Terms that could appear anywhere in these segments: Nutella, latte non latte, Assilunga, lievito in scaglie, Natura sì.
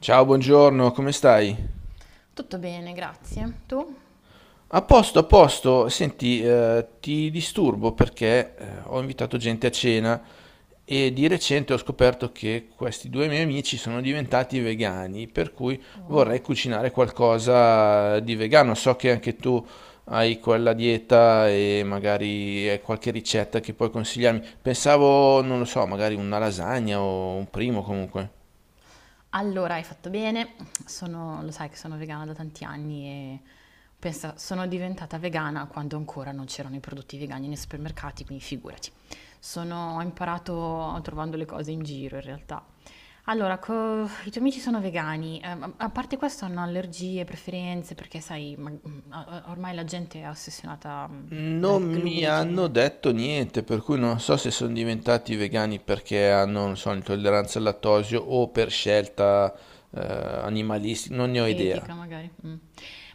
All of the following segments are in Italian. Ciao, buongiorno, come stai? Tutto bene, grazie. Tu? A posto, a posto. Senti, ti disturbo perché ho invitato gente a cena e di recente ho scoperto che questi due miei amici sono diventati vegani, per cui Oh. vorrei cucinare qualcosa di vegano. So che anche tu hai quella dieta e magari hai qualche ricetta che puoi consigliarmi. Pensavo, non lo so, magari una lasagna o un primo comunque. Allora, hai fatto bene. Lo sai che sono vegana da tanti anni e pensa, sono diventata vegana quando ancora non c'erano i prodotti vegani nei supermercati, quindi figurati. Ho imparato trovando le cose in giro in realtà. Allora, i tuoi amici sono vegani, a parte questo hanno allergie, preferenze, perché sai, ormai la gente è ossessionata Non dal mi hanno glutine, detto niente, per cui non so se sono diventati vegani perché hanno, non so, intolleranza al lattosio o per scelta animalistica, non ne ho idea. etica magari. Mm.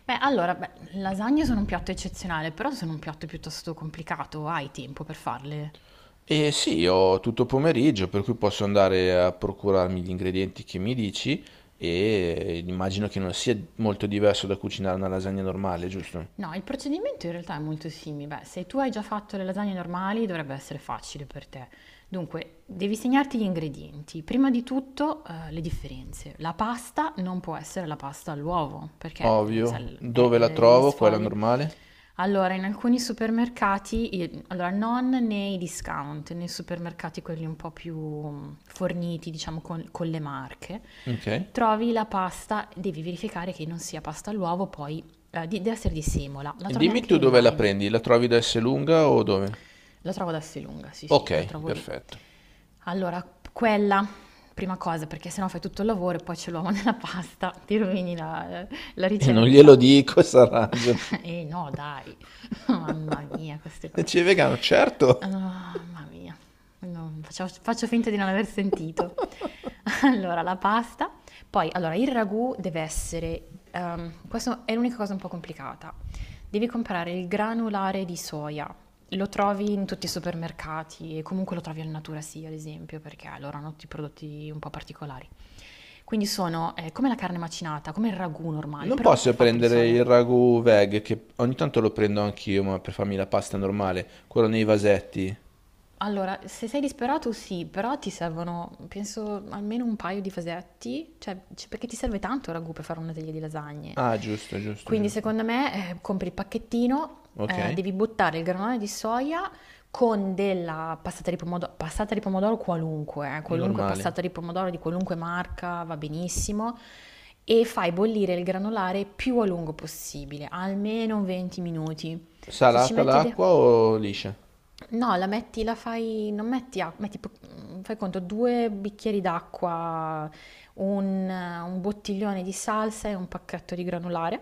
Beh, lasagne sono un piatto eccezionale, però sono un piatto piuttosto complicato, hai tempo per farle? E sì, ho tutto pomeriggio, per cui posso andare a procurarmi gli ingredienti che mi dici e immagino che non sia molto diverso da cucinare una lasagna normale, giusto? No, il procedimento in realtà è molto simile. Beh, se tu hai già fatto le lasagne normali, dovrebbe essere facile per te. Dunque, devi segnarti gli ingredienti. Prima di tutto, le differenze. La pasta non può essere la pasta all'uovo, perché lo Ovvio. sai, Dove la le trovo? Quella sfoglie. normale? Allora, in alcuni supermercati, allora non nei discount, nei supermercati quelli un po' più forniti, diciamo, con le marche, Ok. trovi la pasta, devi verificare che non sia pasta all'uovo, poi deve essere di Simola, la trovi Dimmi anche tu dove la online, prendi, la trovi da Esselunga o dove? la trovo ad Assilunga, sì sì, la Ok, trovo lì. perfetto. Allora, quella, prima cosa, perché sennò fai tutto il lavoro e poi c'è l'uomo nella pasta, ti rovini la E non glielo ricetta. dico, Sarajevo. E no, dai, mamma mia, queste cose. Dice vegano, Ah, certo. mamma mia, faccio finta di non aver sentito. Allora, la pasta, poi allora, il ragù deve essere, questo è l'unica cosa un po' complicata, devi comprare il granulare di soia. Lo trovi in tutti i supermercati e comunque lo trovi al Natura sì, ad esempio, perché loro hanno tutti i prodotti un po' particolari. Quindi sono come la carne macinata, come il ragù normale, Non però è posso fatto di prendere soia. il ragù veg, che ogni tanto lo prendo anch'io, ma per farmi la pasta normale, quello nei vasetti. Allora, se sei disperato sì, però ti servono, penso, almeno un paio di fasetti, cioè, perché ti serve tanto il ragù per fare una teglia di lasagne. Ah, giusto, giusto, Quindi giusto. secondo me compri il pacchettino, Ok, devi buttare il granulone di soia con della passata di pomodoro qualunque, qualunque normale. passata di pomodoro di qualunque marca va benissimo, e fai bollire il granulare più a lungo possibile, almeno 20 minuti. Se ci Salata metti... l'acqua o liscia? No, la metti, la fai, non metti acqua, fai conto, due bicchieri d'acqua, un bottiglione di salsa e un pacchetto di granulare,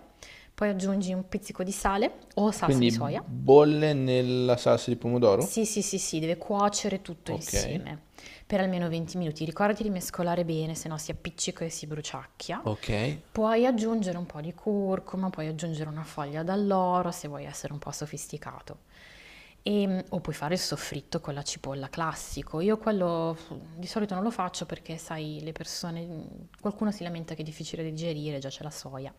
poi aggiungi un pizzico di sale o salsa di Quindi soia, bolle nella salsa di pomodoro? Sì, sì, deve cuocere tutto Ok, insieme per almeno 20 minuti. Ricordati di mescolare bene, se no si appiccica e si bruciacchia. ok. Puoi aggiungere un po' di curcuma, puoi aggiungere una foglia d'alloro se vuoi essere un po' sofisticato. O puoi fare il soffritto con la cipolla classico. Io quello di solito non lo faccio perché, sai, le persone, qualcuno si lamenta che è difficile da digerire, già c'è la soia.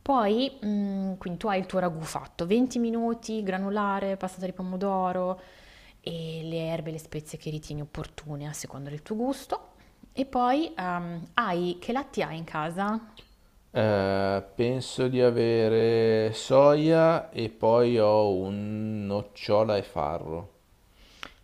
Poi, quindi tu hai il tuo ragù fatto, 20 minuti, granulare, passata di pomodoro e le erbe e le spezie che ritieni opportune a seconda del tuo gusto. E poi, hai che latte hai in casa? Penso di avere soia e poi ho un nocciola e farro.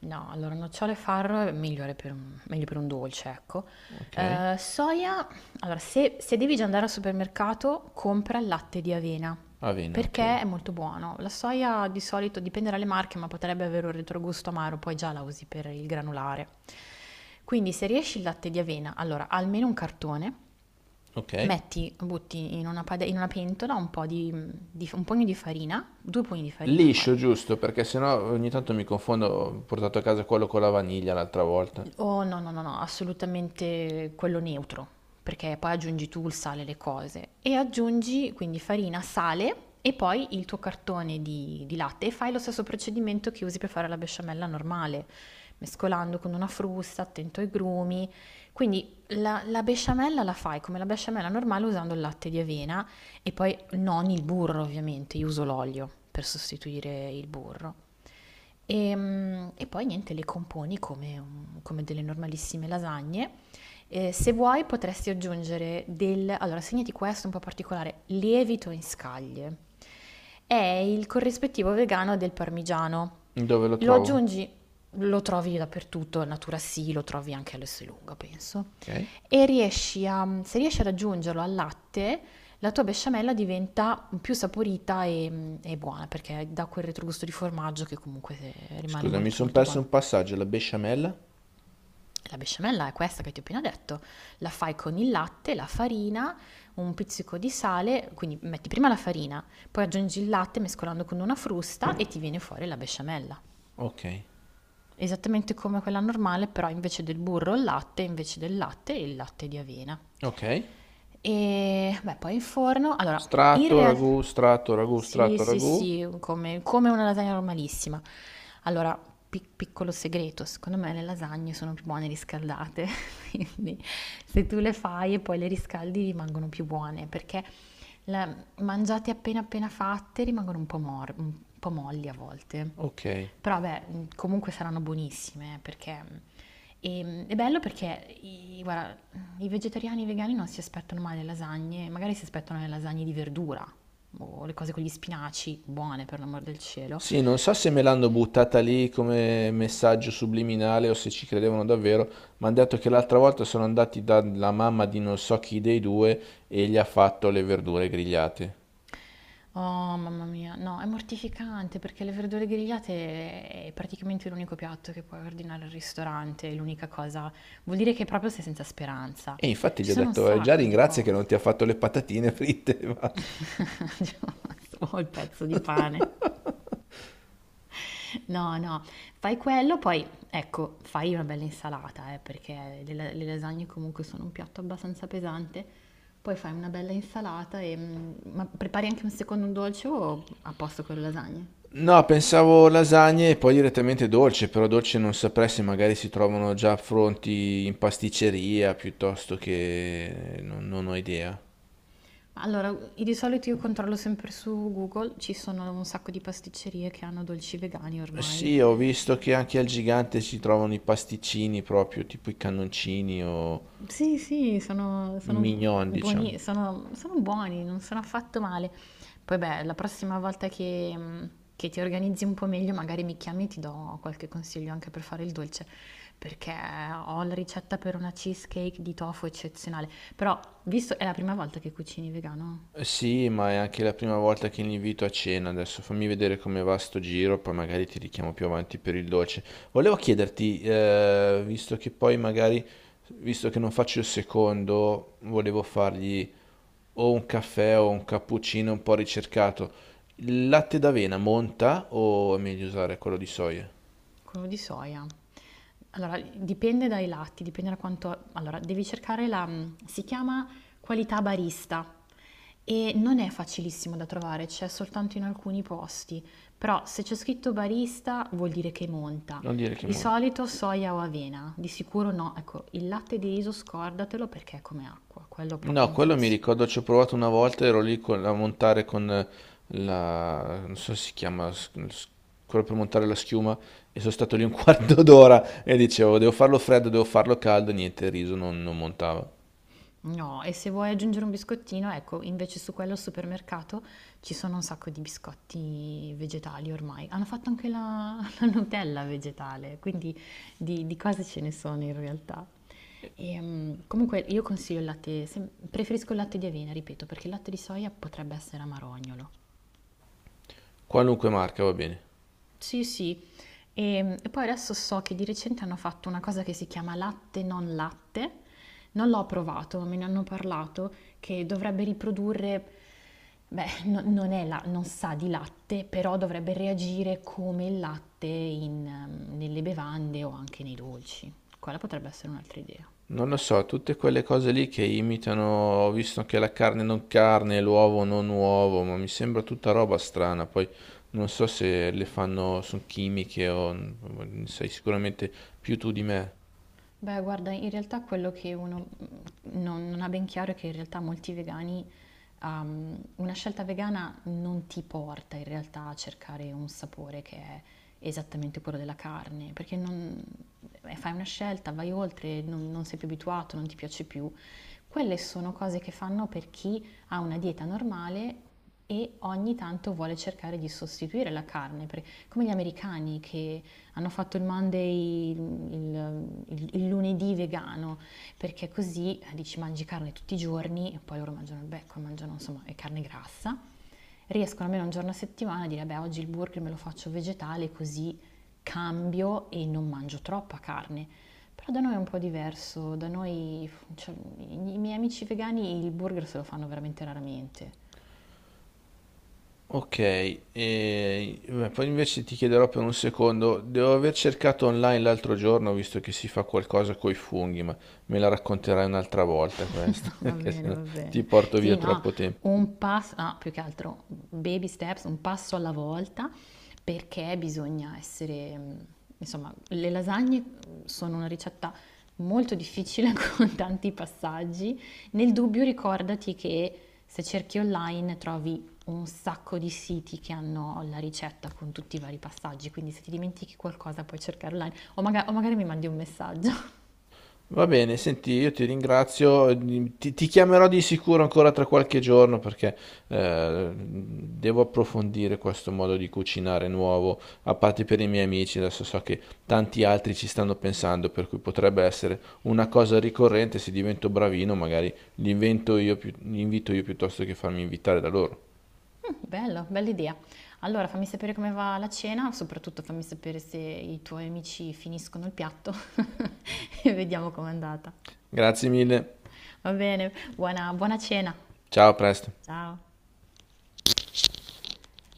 No, allora nocciole e farro è migliore per meglio per un dolce, ecco. Ok? Soia, allora se devi già andare al supermercato, compra il latte di avena, Avena, ok. perché è molto buono. La soia di solito dipende dalle marche, ma potrebbe avere un retrogusto amaro, poi già la usi per il granulare. Quindi se riesci il latte di avena, allora almeno un cartone, Ok. metti, butti in una, in una pentola un po' di un pugno di farina, due pugni di farina fai. Liscio, giusto, perché sennò ogni tanto mi confondo. Ho portato a casa quello con la vaniglia l'altra volta. Oh no, no, no, no, assolutamente quello neutro, perché poi aggiungi tu il sale alle cose e aggiungi quindi farina, sale e poi il tuo cartone di latte e fai lo stesso procedimento che usi per fare la besciamella normale, mescolando con una frusta, attento ai grumi. Quindi la besciamella la fai come la besciamella normale usando il latte di avena e poi non il burro ovviamente, io uso l'olio per sostituire il burro. E e poi niente, le componi come come delle normalissime lasagne. Se vuoi potresti aggiungere del... Allora, segnati questo un po' particolare, lievito in scaglie. È il corrispettivo vegano del parmigiano. Dove lo Lo trovo? aggiungi, lo trovi dappertutto, Natura sì, lo trovi anche all'Esselunga, penso. Ok. E se riesci ad aggiungerlo al latte, la tua besciamella diventa più saporita e buona perché dà quel retrogusto di formaggio che comunque rimane Scusa, mi molto sono molto perso buono. un passaggio, la besciamella? La besciamella è questa che ti ho appena detto, la fai con il latte, la farina, un pizzico di sale, quindi metti prima la farina, poi aggiungi il latte mescolando con una frusta e ti viene fuori la besciamella. Ok. Esattamente come quella normale, però invece del burro il latte, invece del latte il latte di avena. Ok. E beh, poi in forno, allora, in Strato, realtà ragù, strato, ragù, sì, strato, sì, ragù. sì, come, come una lasagna normalissima. Allora, piccolo segreto, secondo me le lasagne sono più buone riscaldate, quindi se tu le fai e poi le riscaldi rimangono più buone, perché la- mangiati appena appena fatte rimangono un po', un po' molli a volte. Ok. Però vabbè, comunque saranno buonissime perché è bello perché guarda, i vegetariani e i vegani non si aspettano mai le lasagne, magari si aspettano le lasagne di verdura o le cose con gli spinaci, buone per l'amor del cielo. Sì, non so se me l'hanno buttata lì come messaggio subliminale o se ci credevano davvero, ma hanno detto che l'altra volta sono andati dalla mamma di non so chi dei due e gli ha fatto le verdure grigliate. Oh, mamma mia, no, è mortificante perché le verdure grigliate è praticamente l'unico piatto che puoi ordinare al ristorante, è l'unica cosa. Vuol dire che proprio sei senza speranza. E infatti gli Ci ho sono un detto, già sacco di ringrazia che non ti cose. ha fatto le patatine fritte e basta." Ho il pezzo di pane. No, no, fai quello, poi ecco, fai una bella insalata, perché le lasagne comunque sono un piatto abbastanza pesante. Poi fai una bella insalata e ma prepari anche un secondo dolce o a posto con le lasagne? No, pensavo lasagne e poi direttamente dolce, però dolce non saprei se magari si trovano già pronti in pasticceria piuttosto che... non, non ho idea. Allora, di solito io controllo sempre su Google, ci sono un sacco di pasticcerie che hanno dolci vegani ormai. Sì, ho visto che anche al gigante si trovano i pasticcini proprio, tipo i cannoncini o Sì, sì, i sono mignon, diciamo. buoni, sono buoni, non sono affatto male. Poi beh, la prossima volta che ti organizzi un po' meglio, magari mi chiami e ti do qualche consiglio anche per fare il dolce, perché ho la ricetta per una cheesecake di tofu eccezionale. Però, visto è la prima volta che cucini vegano? Sì, ma è anche la prima volta che li invito a cena. Adesso fammi vedere come va sto giro, poi magari ti richiamo più avanti per il dolce. Volevo chiederti, visto che poi magari, visto che non faccio il secondo, volevo fargli o un caffè o un cappuccino un po' ricercato. Il latte d'avena monta o è meglio usare quello di soia? Quello di soia. Allora, dipende dai latti, dipende da quanto... Allora, devi cercare la... si chiama qualità barista e non è facilissimo da trovare, c'è soltanto in alcuni posti, però se c'è scritto barista vuol dire che monta. Non dire che Di monta. solito soia o avena, di sicuro no. Ecco, il latte di riso scordatelo perché è come acqua, quello proprio No, non quello mi funziona. ricordo, ci ho provato una volta, ero lì a montare con la... non so se si chiama, quello per montare la schiuma, e sono stato lì un quarto d'ora e dicevo, devo farlo freddo, devo farlo caldo, niente, il riso non montava. No, e se vuoi aggiungere un biscottino, ecco, invece su quello al supermercato ci sono un sacco di biscotti vegetali ormai. Hanno fatto anche la Nutella vegetale, quindi di cose ce ne sono in realtà. E comunque io consiglio il latte, preferisco il latte di avena, ripeto, perché il latte di soia potrebbe essere amarognolo. Qualunque marca va bene. Sì, sì. E poi adesso so che di recente hanno fatto una cosa che si chiama latte. Non l'ho provato, ma me ne hanno parlato che dovrebbe riprodurre, beh, non è non sa di latte, però dovrebbe reagire come il latte in, nelle bevande o anche nei dolci. Quella potrebbe essere un'altra idea. Non lo so, tutte quelle cose lì che imitano, ho visto anche la carne non carne, l'uovo non uovo, ma mi sembra tutta roba strana, poi non so se le fanno, sono chimiche o sai sicuramente più tu di me. Beh, guarda, in realtà quello che uno non ha ben chiaro è che in realtà molti vegani, una scelta vegana non ti porta in realtà a cercare un sapore che è esattamente quello della carne, perché fai una scelta, vai oltre, non sei più abituato, non ti piace più. Quelle sono cose che fanno per chi ha una dieta normale e ogni tanto vuole cercare di sostituire la carne, come gli americani che hanno fatto il Monday, il lunedì vegano, perché così dici mangi carne tutti i giorni, e poi loro mangiano il becco, mangiano insomma e carne grassa. Riescono almeno un giorno a settimana a dire, beh, oggi il burger me lo faccio vegetale, così cambio e non mangio troppa carne. Però da noi è un po' diverso, da noi, cioè, i miei amici vegani il burger se lo fanno veramente raramente. Ok, e beh, poi invece ti chiederò per un secondo, devo aver cercato online l'altro giorno, visto che si fa qualcosa coi funghi, ma me la racconterai un'altra volta questa, No, va che se bene, no va ti bene. porto via Sì, no, troppo tempo. un passo, no, più che altro baby steps, un passo alla volta, perché bisogna essere, insomma, le lasagne sono una ricetta molto difficile con tanti passaggi. Nel dubbio ricordati che se cerchi online trovi un sacco di siti che hanno la ricetta con tutti i vari passaggi, quindi se ti dimentichi qualcosa puoi cercare online o magari mi mandi un messaggio. Va bene, senti, io ti ringrazio, ti chiamerò di sicuro ancora tra qualche giorno perché devo approfondire questo modo di cucinare nuovo, a parte per i miei amici, adesso so che tanti altri ci stanno pensando, per cui potrebbe essere una cosa ricorrente, se divento bravino magari li invento io, li invito io piuttosto che farmi invitare da loro. Bello, bella idea. Allora fammi sapere come va la cena, soprattutto fammi sapere se i tuoi amici finiscono il piatto e vediamo com'è andata. Grazie mille, Va bene, buona cena. ciao, a presto. Ciao.